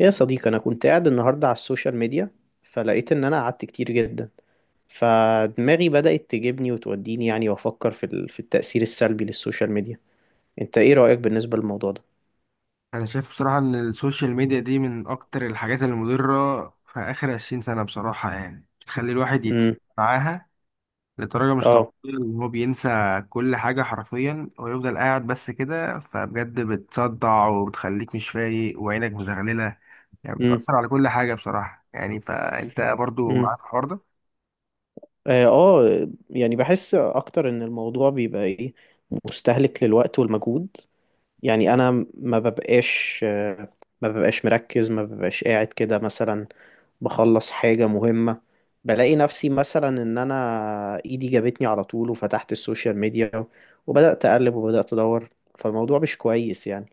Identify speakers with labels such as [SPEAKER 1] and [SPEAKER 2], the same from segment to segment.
[SPEAKER 1] يا صديقي، أنا كنت قاعد النهاردة على السوشيال ميديا، فلقيت إن أنا قعدت كتير جدا. فدماغي بدأت تجيبني وتوديني يعني، وأفكر في التأثير السلبي للسوشيال ميديا. أنت إيه رأيك بالنسبة للموضوع ده؟
[SPEAKER 2] انا شايف بصراحة ان السوشيال ميديا دي من اكتر الحاجات المضرة في اخر 20 سنة، بصراحة. يعني بتخلي الواحد يتسحب
[SPEAKER 1] امم.
[SPEAKER 2] معاها لدرجة مش طبيعية،
[SPEAKER 1] اه.
[SPEAKER 2] ان هو بينسى كل حاجة حرفيا ويفضل قاعد بس كده. فبجد بتصدع وبتخليك مش فايق وعينك مزغللة. يعني
[SPEAKER 1] امم.
[SPEAKER 2] بتأثر على كل حاجة بصراحة، يعني فانت برضو
[SPEAKER 1] امم.
[SPEAKER 2] معاك الحوار ده.
[SPEAKER 1] آه آه، يعني بحس أكتر إن الموضوع بيبقى إيه، مستهلك للوقت والمجهود. يعني أنا ما ببقاش ما ببقاش مركز، ما ببقاش قاعد كده مثلا بخلص حاجة مهمة. بلاقي نفسي مثلا ان انا ايدي جابتني على طول وفتحت السوشيال ميديا، وبدأت اقلب وبدأت ادور. فالموضوع مش كويس يعني.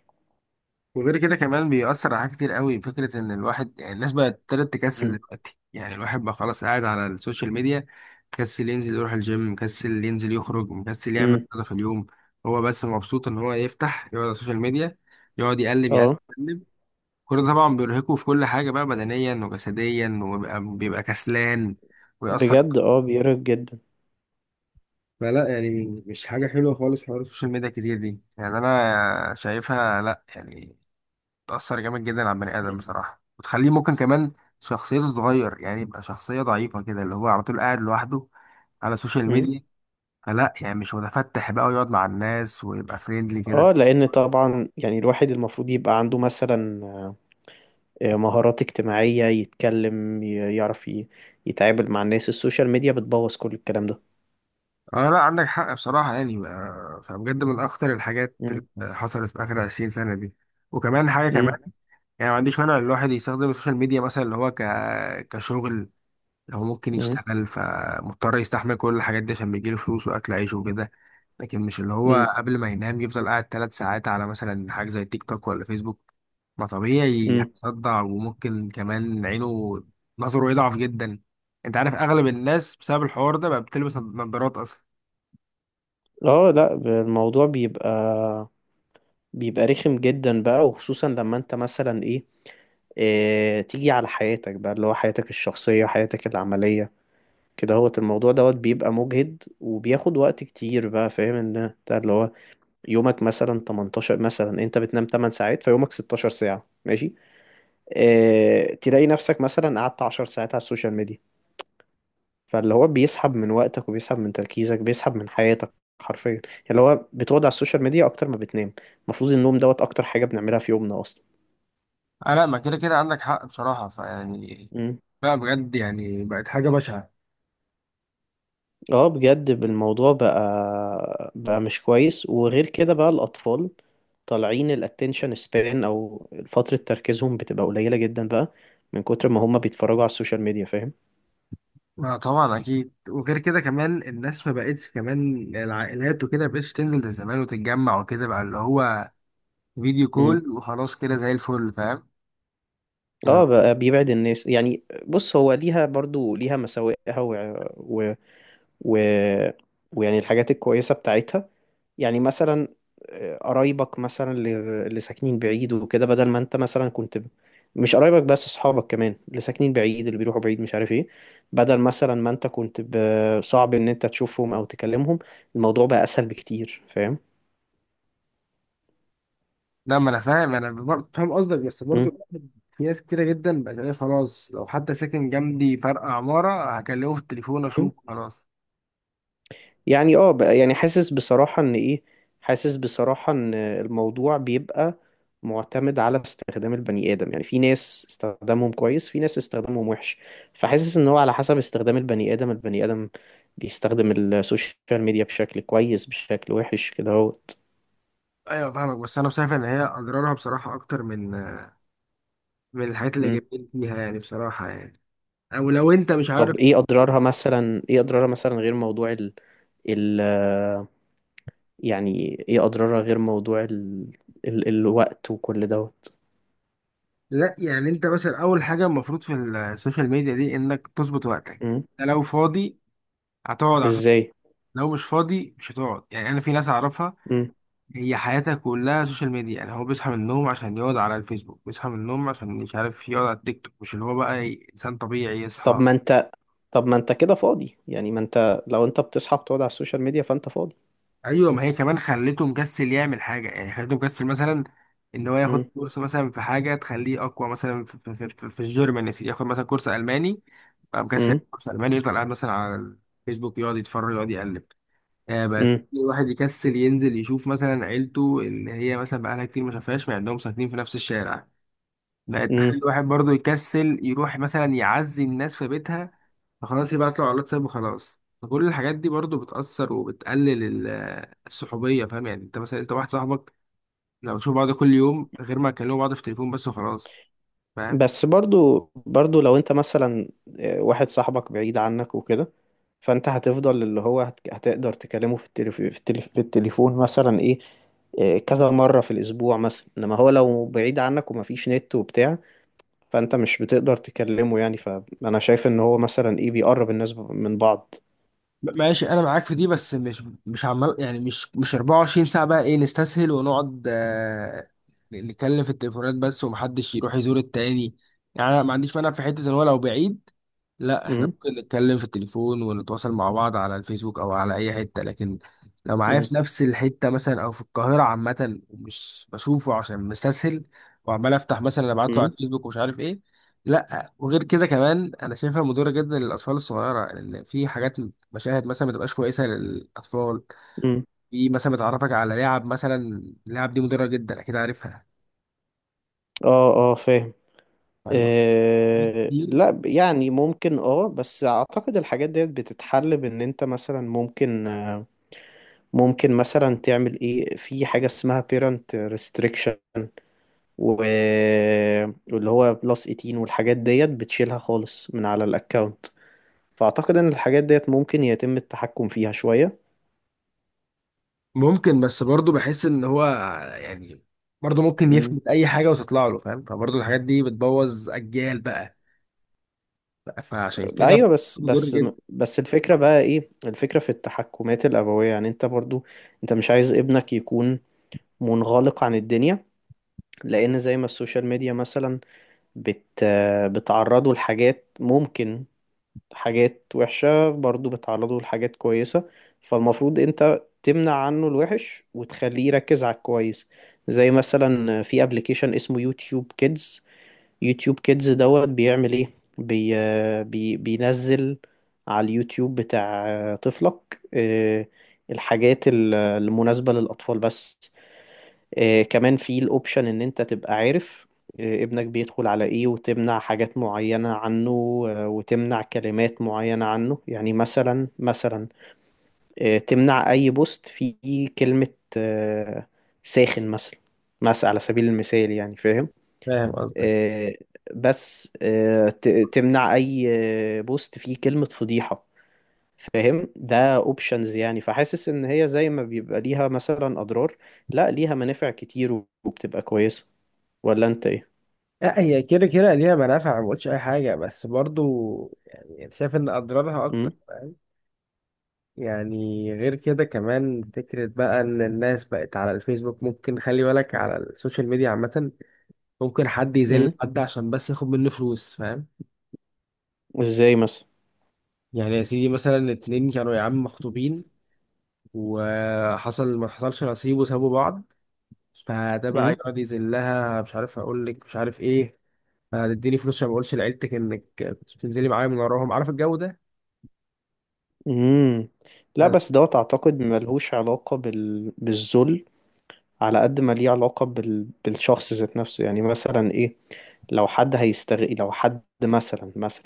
[SPEAKER 2] وغير كده كمان بيأثر على حاجات كتير قوي، فكرة ان الواحد يعني الناس بقت ابتدت تكسل
[SPEAKER 1] امم.
[SPEAKER 2] دلوقتي. يعني الواحد بقى خلاص قاعد على السوشيال ميديا، مكسل ينزل يروح الجيم، مكسل ينزل يخرج، مكسل يعمل
[SPEAKER 1] امم.
[SPEAKER 2] حاجة في اليوم. هو بس مبسوط ان هو يفتح يقعد على السوشيال ميديا يقعد يقلب يقلب
[SPEAKER 1] اه
[SPEAKER 2] يقلب. كل ده طبعا بيرهقه في كل حاجة بقى، بدنيا وجسديا، وبيبقى بيبقى كسلان ويأثر.
[SPEAKER 1] بجد، بيرهق جدا.
[SPEAKER 2] فلا يعني مش حاجة حلوة خالص حوار السوشيال ميديا كتير دي، يعني أنا شايفها لا. يعني بتأثر جامد جدا على البني آدم بصراحة وتخليه ممكن كمان شخصيته تتغير، يعني يبقى شخصية ضعيفة كده اللي هو على طول قاعد لوحده على السوشيال
[SPEAKER 1] امم.
[SPEAKER 2] ميديا. فلا يعني مش متفتح بقى ويقعد مع الناس ويبقى فريندلي كده.
[SPEAKER 1] اه، لان طبعا يعني الواحد المفروض يبقى عنده مثلا مهارات اجتماعية، يتكلم، يعرف يتعامل مع الناس. السوشيال ميديا بتبوظ كل الكلام ده.
[SPEAKER 2] اه لا، عندك حق بصراحة، يعني فبجد من أخطر الحاجات
[SPEAKER 1] امم.
[SPEAKER 2] اللي حصلت في آخر 20 سنة دي. وكمان حاجة
[SPEAKER 1] امم.
[SPEAKER 2] كمان، يعني ما عنديش مانع إن الواحد يستخدم السوشيال ميديا مثلا، اللي هو كشغل. لو هو ممكن
[SPEAKER 1] امم.
[SPEAKER 2] يشتغل فمضطر يستحمل كل الحاجات دي عشان بيجيله فلوس وأكل عيشه وكده. لكن مش اللي هو قبل ما ينام يفضل قاعد 3 ساعات على مثلا حاجة زي تيك توك ولا فيسبوك. ما طبيعي
[SPEAKER 1] امم.
[SPEAKER 2] هيصدع، وممكن كمان عينه نظره يضعف جدا. انت عارف اغلب الناس بسبب الحوار ده بقى بتلبس نظارات اصلا.
[SPEAKER 1] اه لا، الموضوع بيبقى رخم جدا بقى، وخصوصا لما انت مثلا ايه، اه، تيجي على حياتك بقى، اللي هو حياتك الشخصية، حياتك العملية كده. هو الموضوع دوت بيبقى مجهد وبياخد وقت كتير بقى، فاهم ان انت اللي هو يومك مثلا 18، مثلا انت بتنام 8 ساعات، فيومك 16 ساعة ماشي. اه تلاقي نفسك مثلا قعدت 10 ساعات على السوشيال ميديا. فاللي هو بيسحب من وقتك وبيسحب من تركيزك، بيسحب من حياتك حرفيا يعني. اللي هو بتقعد على السوشيال ميديا اكتر ما بتنام. المفروض النوم دوت اكتر حاجة بنعملها في يومنا
[SPEAKER 2] آه لا، ما كده كده عندك حق بصراحة، فيعني
[SPEAKER 1] اصلا.
[SPEAKER 2] بقى بجد يعني بقت حاجة بشعة.
[SPEAKER 1] اه بجد، الموضوع بقى مش كويس. وغير كده بقى، الأطفال طالعين الاتنشن سبان، أو فترة تركيزهم بتبقى قليلة جدا بقى، من كتر ما هما بيتفرجوا على السوشيال ميديا، فاهم.
[SPEAKER 2] ما طبعا أكيد. وغير كده كمان الناس ما بقتش، كمان العائلات وكده ما بقتش تنزل زي زمان وتتجمع وكده، بقى اللي هو فيديو
[SPEAKER 1] مم.
[SPEAKER 2] كول وخلاص كده زي الفل، فاهم يعني.
[SPEAKER 1] اه، بقى بيبعد الناس. يعني بص، هو ليها برضو ليها مساوئها و... و... ويعني الحاجات الكويسة بتاعتها. يعني مثلا قرايبك مثلا اللي ساكنين بعيد وكده، بدل ما انت مثلا مش قرايبك بس، اصحابك كمان اللي ساكنين بعيد، اللي بيروحوا بعيد مش عارف ايه. بدل مثلا ما انت صعب ان انت تشوفهم او تكلمهم. الموضوع بقى اسهل بكتير، فاهم.
[SPEAKER 2] لا، ما انا فاهم، انا فاهم قصدك، بس برضو
[SPEAKER 1] مم.
[SPEAKER 2] الواحد، في ناس كتيرة جدا بقت تلاقيه خلاص لو حتى ساكن جنبي فرق عمارة هكلمه في التليفون اشوف خلاص.
[SPEAKER 1] يعني اه، بقى يعني حاسس بصراحة ان ايه، حاسس بصراحة ان الموضوع بيبقى معتمد على استخدام البني آدم. يعني في ناس استخدامهم كويس، في ناس استخدامهم وحش. فحاسس ان هو على حسب استخدام البني آدم، البني آدم بيستخدم السوشيال ميديا بشكل كويس، بشكل وحش كده اهوت.
[SPEAKER 2] ايوه فاهمك، بس انا شايف ان هي اضرارها بصراحة اكتر من الحاجات
[SPEAKER 1] مم.
[SPEAKER 2] الايجابية اللي جايبين فيها، يعني بصراحة يعني. او لو انت مش
[SPEAKER 1] طب
[SPEAKER 2] عارف.
[SPEAKER 1] ايه اضرارها مثلا، ايه اضرارها مثلا غير موضوع ال ال يعني ايه اضرارها غير موضوع ال ال الوقت وكل دوت.
[SPEAKER 2] لا، يعني انت مثلا اول حاجة المفروض في السوشيال ميديا دي انك تظبط وقتك.
[SPEAKER 1] مم.
[SPEAKER 2] أنت لو فاضي هتقعد على السوشيال-،
[SPEAKER 1] ازاي؟
[SPEAKER 2] لو مش فاضي مش هتقعد. يعني انا في ناس اعرفها
[SPEAKER 1] مم.
[SPEAKER 2] هي حياتها كلها سوشيال ميديا. يعني هو بيصحى من النوم عشان يقعد على الفيسبوك، بيصحى من النوم عشان مش عارف يقعد على التيك توك، مش اللي هو بقى انسان طبيعي
[SPEAKER 1] طب
[SPEAKER 2] يصحى.
[SPEAKER 1] ما انت طب ما انت كده فاضي يعني. ما انت لو انت بتصحى بتقعد على السوشيال ميديا فانت فاضي.
[SPEAKER 2] ايوه، ما هي كمان خلته مكسل يعمل حاجه، يعني خلته مكسل مثلا ان هو ياخد
[SPEAKER 1] امم.
[SPEAKER 2] كورس مثلا في حاجه تخليه اقوى، مثلا في الجيرمان يا سيدي، ياخد مثلا كورس الماني. بقى مكسل
[SPEAKER 1] امم.
[SPEAKER 2] كورس الماني، يفضل قاعد مثلا على الفيسبوك يقعد يتفرج يقعد يقلب. بقى
[SPEAKER 1] امم.
[SPEAKER 2] الواحد يكسل ينزل يشوف مثلا عيلته اللي هي مثلا بقالها كتير ما شافهاش، مع انهم ساكنين في نفس الشارع. لا، تخلي
[SPEAKER 1] امم.
[SPEAKER 2] الواحد برضو يكسل يروح مثلا يعزي الناس في بيتها، فخلاص يبعت له على الواتساب وخلاص. فكل الحاجات دي برضو بتأثر وبتقلل الصحوبية، فاهم يعني. انت مثلا، انت واحد صاحبك لو تشوف بعض كل يوم غير ما تكلموا بعض في التليفون بس وخلاص، فاهم.
[SPEAKER 1] بس برضو لو انت مثلا واحد صاحبك بعيد عنك وكده، فانت هتفضل اللي هو هتقدر تكلمه في التليفون مثلا ايه، كذا مرة في الاسبوع مثلا. انما هو لو بعيد عنك ومفيش نت وبتاع، فانت مش بتقدر تكلمه يعني. فانا شايف ان هو مثلا ايه بيقرب الناس من بعض.
[SPEAKER 2] ماشي، انا معاك في دي، بس مش عمال، يعني مش 24 ساعة بقى ايه نستسهل ونقعد نتكلم في التليفونات بس ومحدش يروح يزور التاني. يعني انا ما عنديش مانع في حتة ان هو لو بعيد، لا احنا
[SPEAKER 1] امم.
[SPEAKER 2] ممكن نتكلم في التليفون ونتواصل مع بعض على الفيسبوك او على اي حتة. لكن لو معايا
[SPEAKER 1] امم.
[SPEAKER 2] في نفس الحتة مثلا او في القاهرة عامة ومش بشوفه عشان مستسهل، وعمال افتح مثلا ابعت له على
[SPEAKER 1] امم.
[SPEAKER 2] الفيسبوك ومش عارف ايه. لا، وغير كده كمان انا شايفها مضره جدا للاطفال الصغيره، لان في حاجات، مشاهد مثلا ما تبقاش كويسه للاطفال.
[SPEAKER 1] امم.
[SPEAKER 2] في مثلا بتعرفك على لعب مثلا، اللعب دي مضره جدا، اكيد عارفها.
[SPEAKER 1] اه اه، فاهم.
[SPEAKER 2] فاللي هو حاجات كتير
[SPEAKER 1] لا، يعني ممكن، بس اعتقد الحاجات ديت بتتحل بان انت مثلا ممكن، ممكن مثلا تعمل ايه في حاجة اسمها parent restriction و- واللي هو بلس 18، والحاجات ديت بتشيلها خالص من على الاكونت. فاعتقد ان الحاجات ديت ممكن يتم التحكم فيها شوية.
[SPEAKER 2] ممكن، بس برضه بحس ان هو يعني برضه ممكن
[SPEAKER 1] مم.
[SPEAKER 2] يفلت اي حاجه وتطلع له، فاهم. فبرضه الحاجات دي بتبوظ اجيال بقى، فعشان كده
[SPEAKER 1] ايوه، بس
[SPEAKER 2] مضر
[SPEAKER 1] بس
[SPEAKER 2] جدا.
[SPEAKER 1] بس الفكرة بقى ايه الفكرة في التحكمات الابوية. يعني انت برضو انت مش عايز ابنك يكون منغلق عن الدنيا. لان زي ما السوشيال ميديا مثلا بت بتعرضوا لحاجات ممكن، حاجات وحشة، برضو بتعرضوا لحاجات كويسة. فالمفروض انت تمنع عنه الوحش وتخليه يركز على الكويس. زي مثلا في ابلكيشن اسمه يوتيوب كيدز. يوتيوب كيدز دوت بيعمل ايه، بي بي بينزل على اليوتيوب بتاع طفلك الحاجات المناسبة للأطفال بس. كمان في الاوبشن ان انت تبقى عارف ابنك بيدخل على ايه وتمنع حاجات معينة عنه، وتمنع كلمات معينة عنه. يعني مثلا تمنع اي بوست فيه كلمة آه، ساخن مثلا، مثلا على سبيل المثال يعني فاهم.
[SPEAKER 2] فاهم قصدك.
[SPEAKER 1] آه، بس تمنع اي بوست فيه كلمة فضيحة، فاهم. ده اوبشنز يعني. فحاسس ان هي زي ما بيبقى ليها مثلا اضرار، لا ليها منافع كتير وبتبقى كويسة. ولا انت ايه؟
[SPEAKER 2] لا، هي كده كده ليها منافع، ما بقولش اي حاجه، بس برضو يعني شايف ان اضرارها
[SPEAKER 1] امم.
[SPEAKER 2] اكتر. يعني غير كده كمان فكرة بقى إن الناس بقت على الفيسبوك، ممكن خلي بالك على السوشيال ميديا عامة، ممكن حد
[SPEAKER 1] امم.
[SPEAKER 2] يذل حد عشان بس ياخد منه فلوس، فاهم.
[SPEAKER 1] ازاي مثلا؟
[SPEAKER 2] يعني يا سيدي، مثلا 2 كانوا يا عم مخطوبين، وحصل ما حصلش نصيب وسابوا بعض، فده بقى
[SPEAKER 1] امم.
[SPEAKER 2] يقعد يذلها، مش عارف أقول لك مش عارف إيه. هتديني فلوس عشان ما أقولش لعيلتك إنك كنت بتنزلي معايا من وراهم، عارف الجو ده؟
[SPEAKER 1] امم.
[SPEAKER 2] لا
[SPEAKER 1] لا
[SPEAKER 2] لا.
[SPEAKER 1] بس دوت، اعتقد ملهوش علاقة بالذل على قد ما ليه علاقة بالشخص ذات نفسه. يعني مثلا ايه، لو حد هيستغل، لو حد مثلا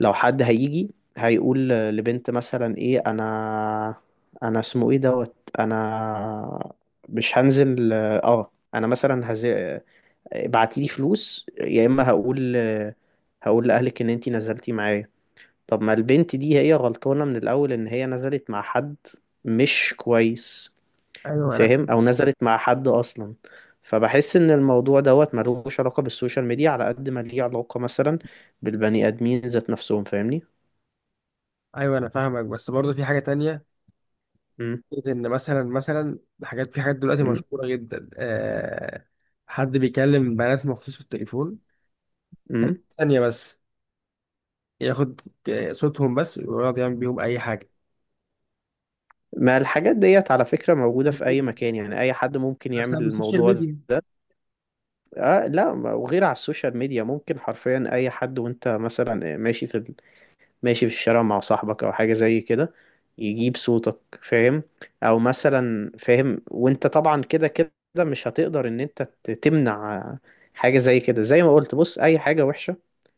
[SPEAKER 1] لو حد هيجي هيقول لبنت مثلا ايه، انا اسمه ايه دوت، انا مش هنزل، انا مثلا ابعتيلي فلوس، يا اما هقول لاهلك ان انتي نزلتي معايا. طب ما البنت دي هي غلطانة من الأول إن هي نزلت مع حد مش كويس،
[SPEAKER 2] أيوه أنا
[SPEAKER 1] فاهم، أو نزلت مع حد أصلا. فبحس إن الموضوع دوت ملوش علاقة بالسوشيال ميديا على قد ما ليه علاقة مثلا بالبني آدمين ذات نفسهم، فاهمني؟
[SPEAKER 2] أيوه أنا فاهمك، بس برضه في حاجة تانية،
[SPEAKER 1] مم.
[SPEAKER 2] ان مثلا حاجات، في حاجات دلوقتي
[SPEAKER 1] مم.
[SPEAKER 2] مشهوره جدا. حد بيكلم بنات مخصوص في التليفون
[SPEAKER 1] مم.
[SPEAKER 2] 30 ثانيه بس، ياخد صوتهم بس ويقعد يعمل بيهم اي حاجه،
[SPEAKER 1] ما الحاجات ديت على فكرة موجودة في أي مكان. يعني أي حد ممكن يعمل
[SPEAKER 2] بسبب السوشيال
[SPEAKER 1] الموضوع ده.
[SPEAKER 2] ميديا.
[SPEAKER 1] آه لا، وغير على السوشيال ميديا، ممكن حرفيا أي حد وأنت مثلا ماشي في الشارع مع صاحبك او حاجة زي كده يجيب صوتك، فاهم، او مثلا فاهم. وانت طبعا كده كده مش هتقدر ان انت تمنع حاجة زي كده. زي ما قلت، بص، اي حاجة وحشة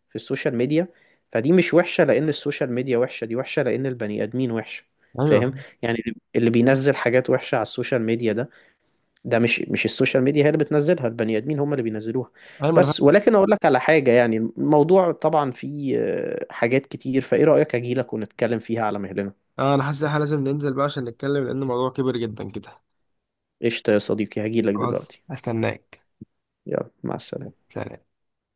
[SPEAKER 1] في السوشيال ميديا فدي مش وحشة لان السوشيال ميديا وحشة، دي وحشة لان البني ادمين وحشة، فاهم.
[SPEAKER 2] ايوه،
[SPEAKER 1] يعني اللي بينزل حاجات وحشة على السوشيال ميديا ده مش السوشيال ميديا هي اللي بتنزلها، البني ادمين هم اللي بينزلوها.
[SPEAKER 2] ايوه ما انا فاهم.
[SPEAKER 1] بس ولكن اقول لك على حاجه يعني، الموضوع طبعا فيه حاجات كتير، فايه رايك اجي لك ونتكلم فيها على مهلنا.
[SPEAKER 2] اه، انا حاسس ان احنا لازم ننزل بقى عشان نتكلم، لان الموضوع كبير جدا كده.
[SPEAKER 1] قشطه يا صديقي، هجي لك
[SPEAKER 2] خلاص
[SPEAKER 1] دلوقتي.
[SPEAKER 2] استناك.
[SPEAKER 1] يلا، مع السلامه.
[SPEAKER 2] سلام.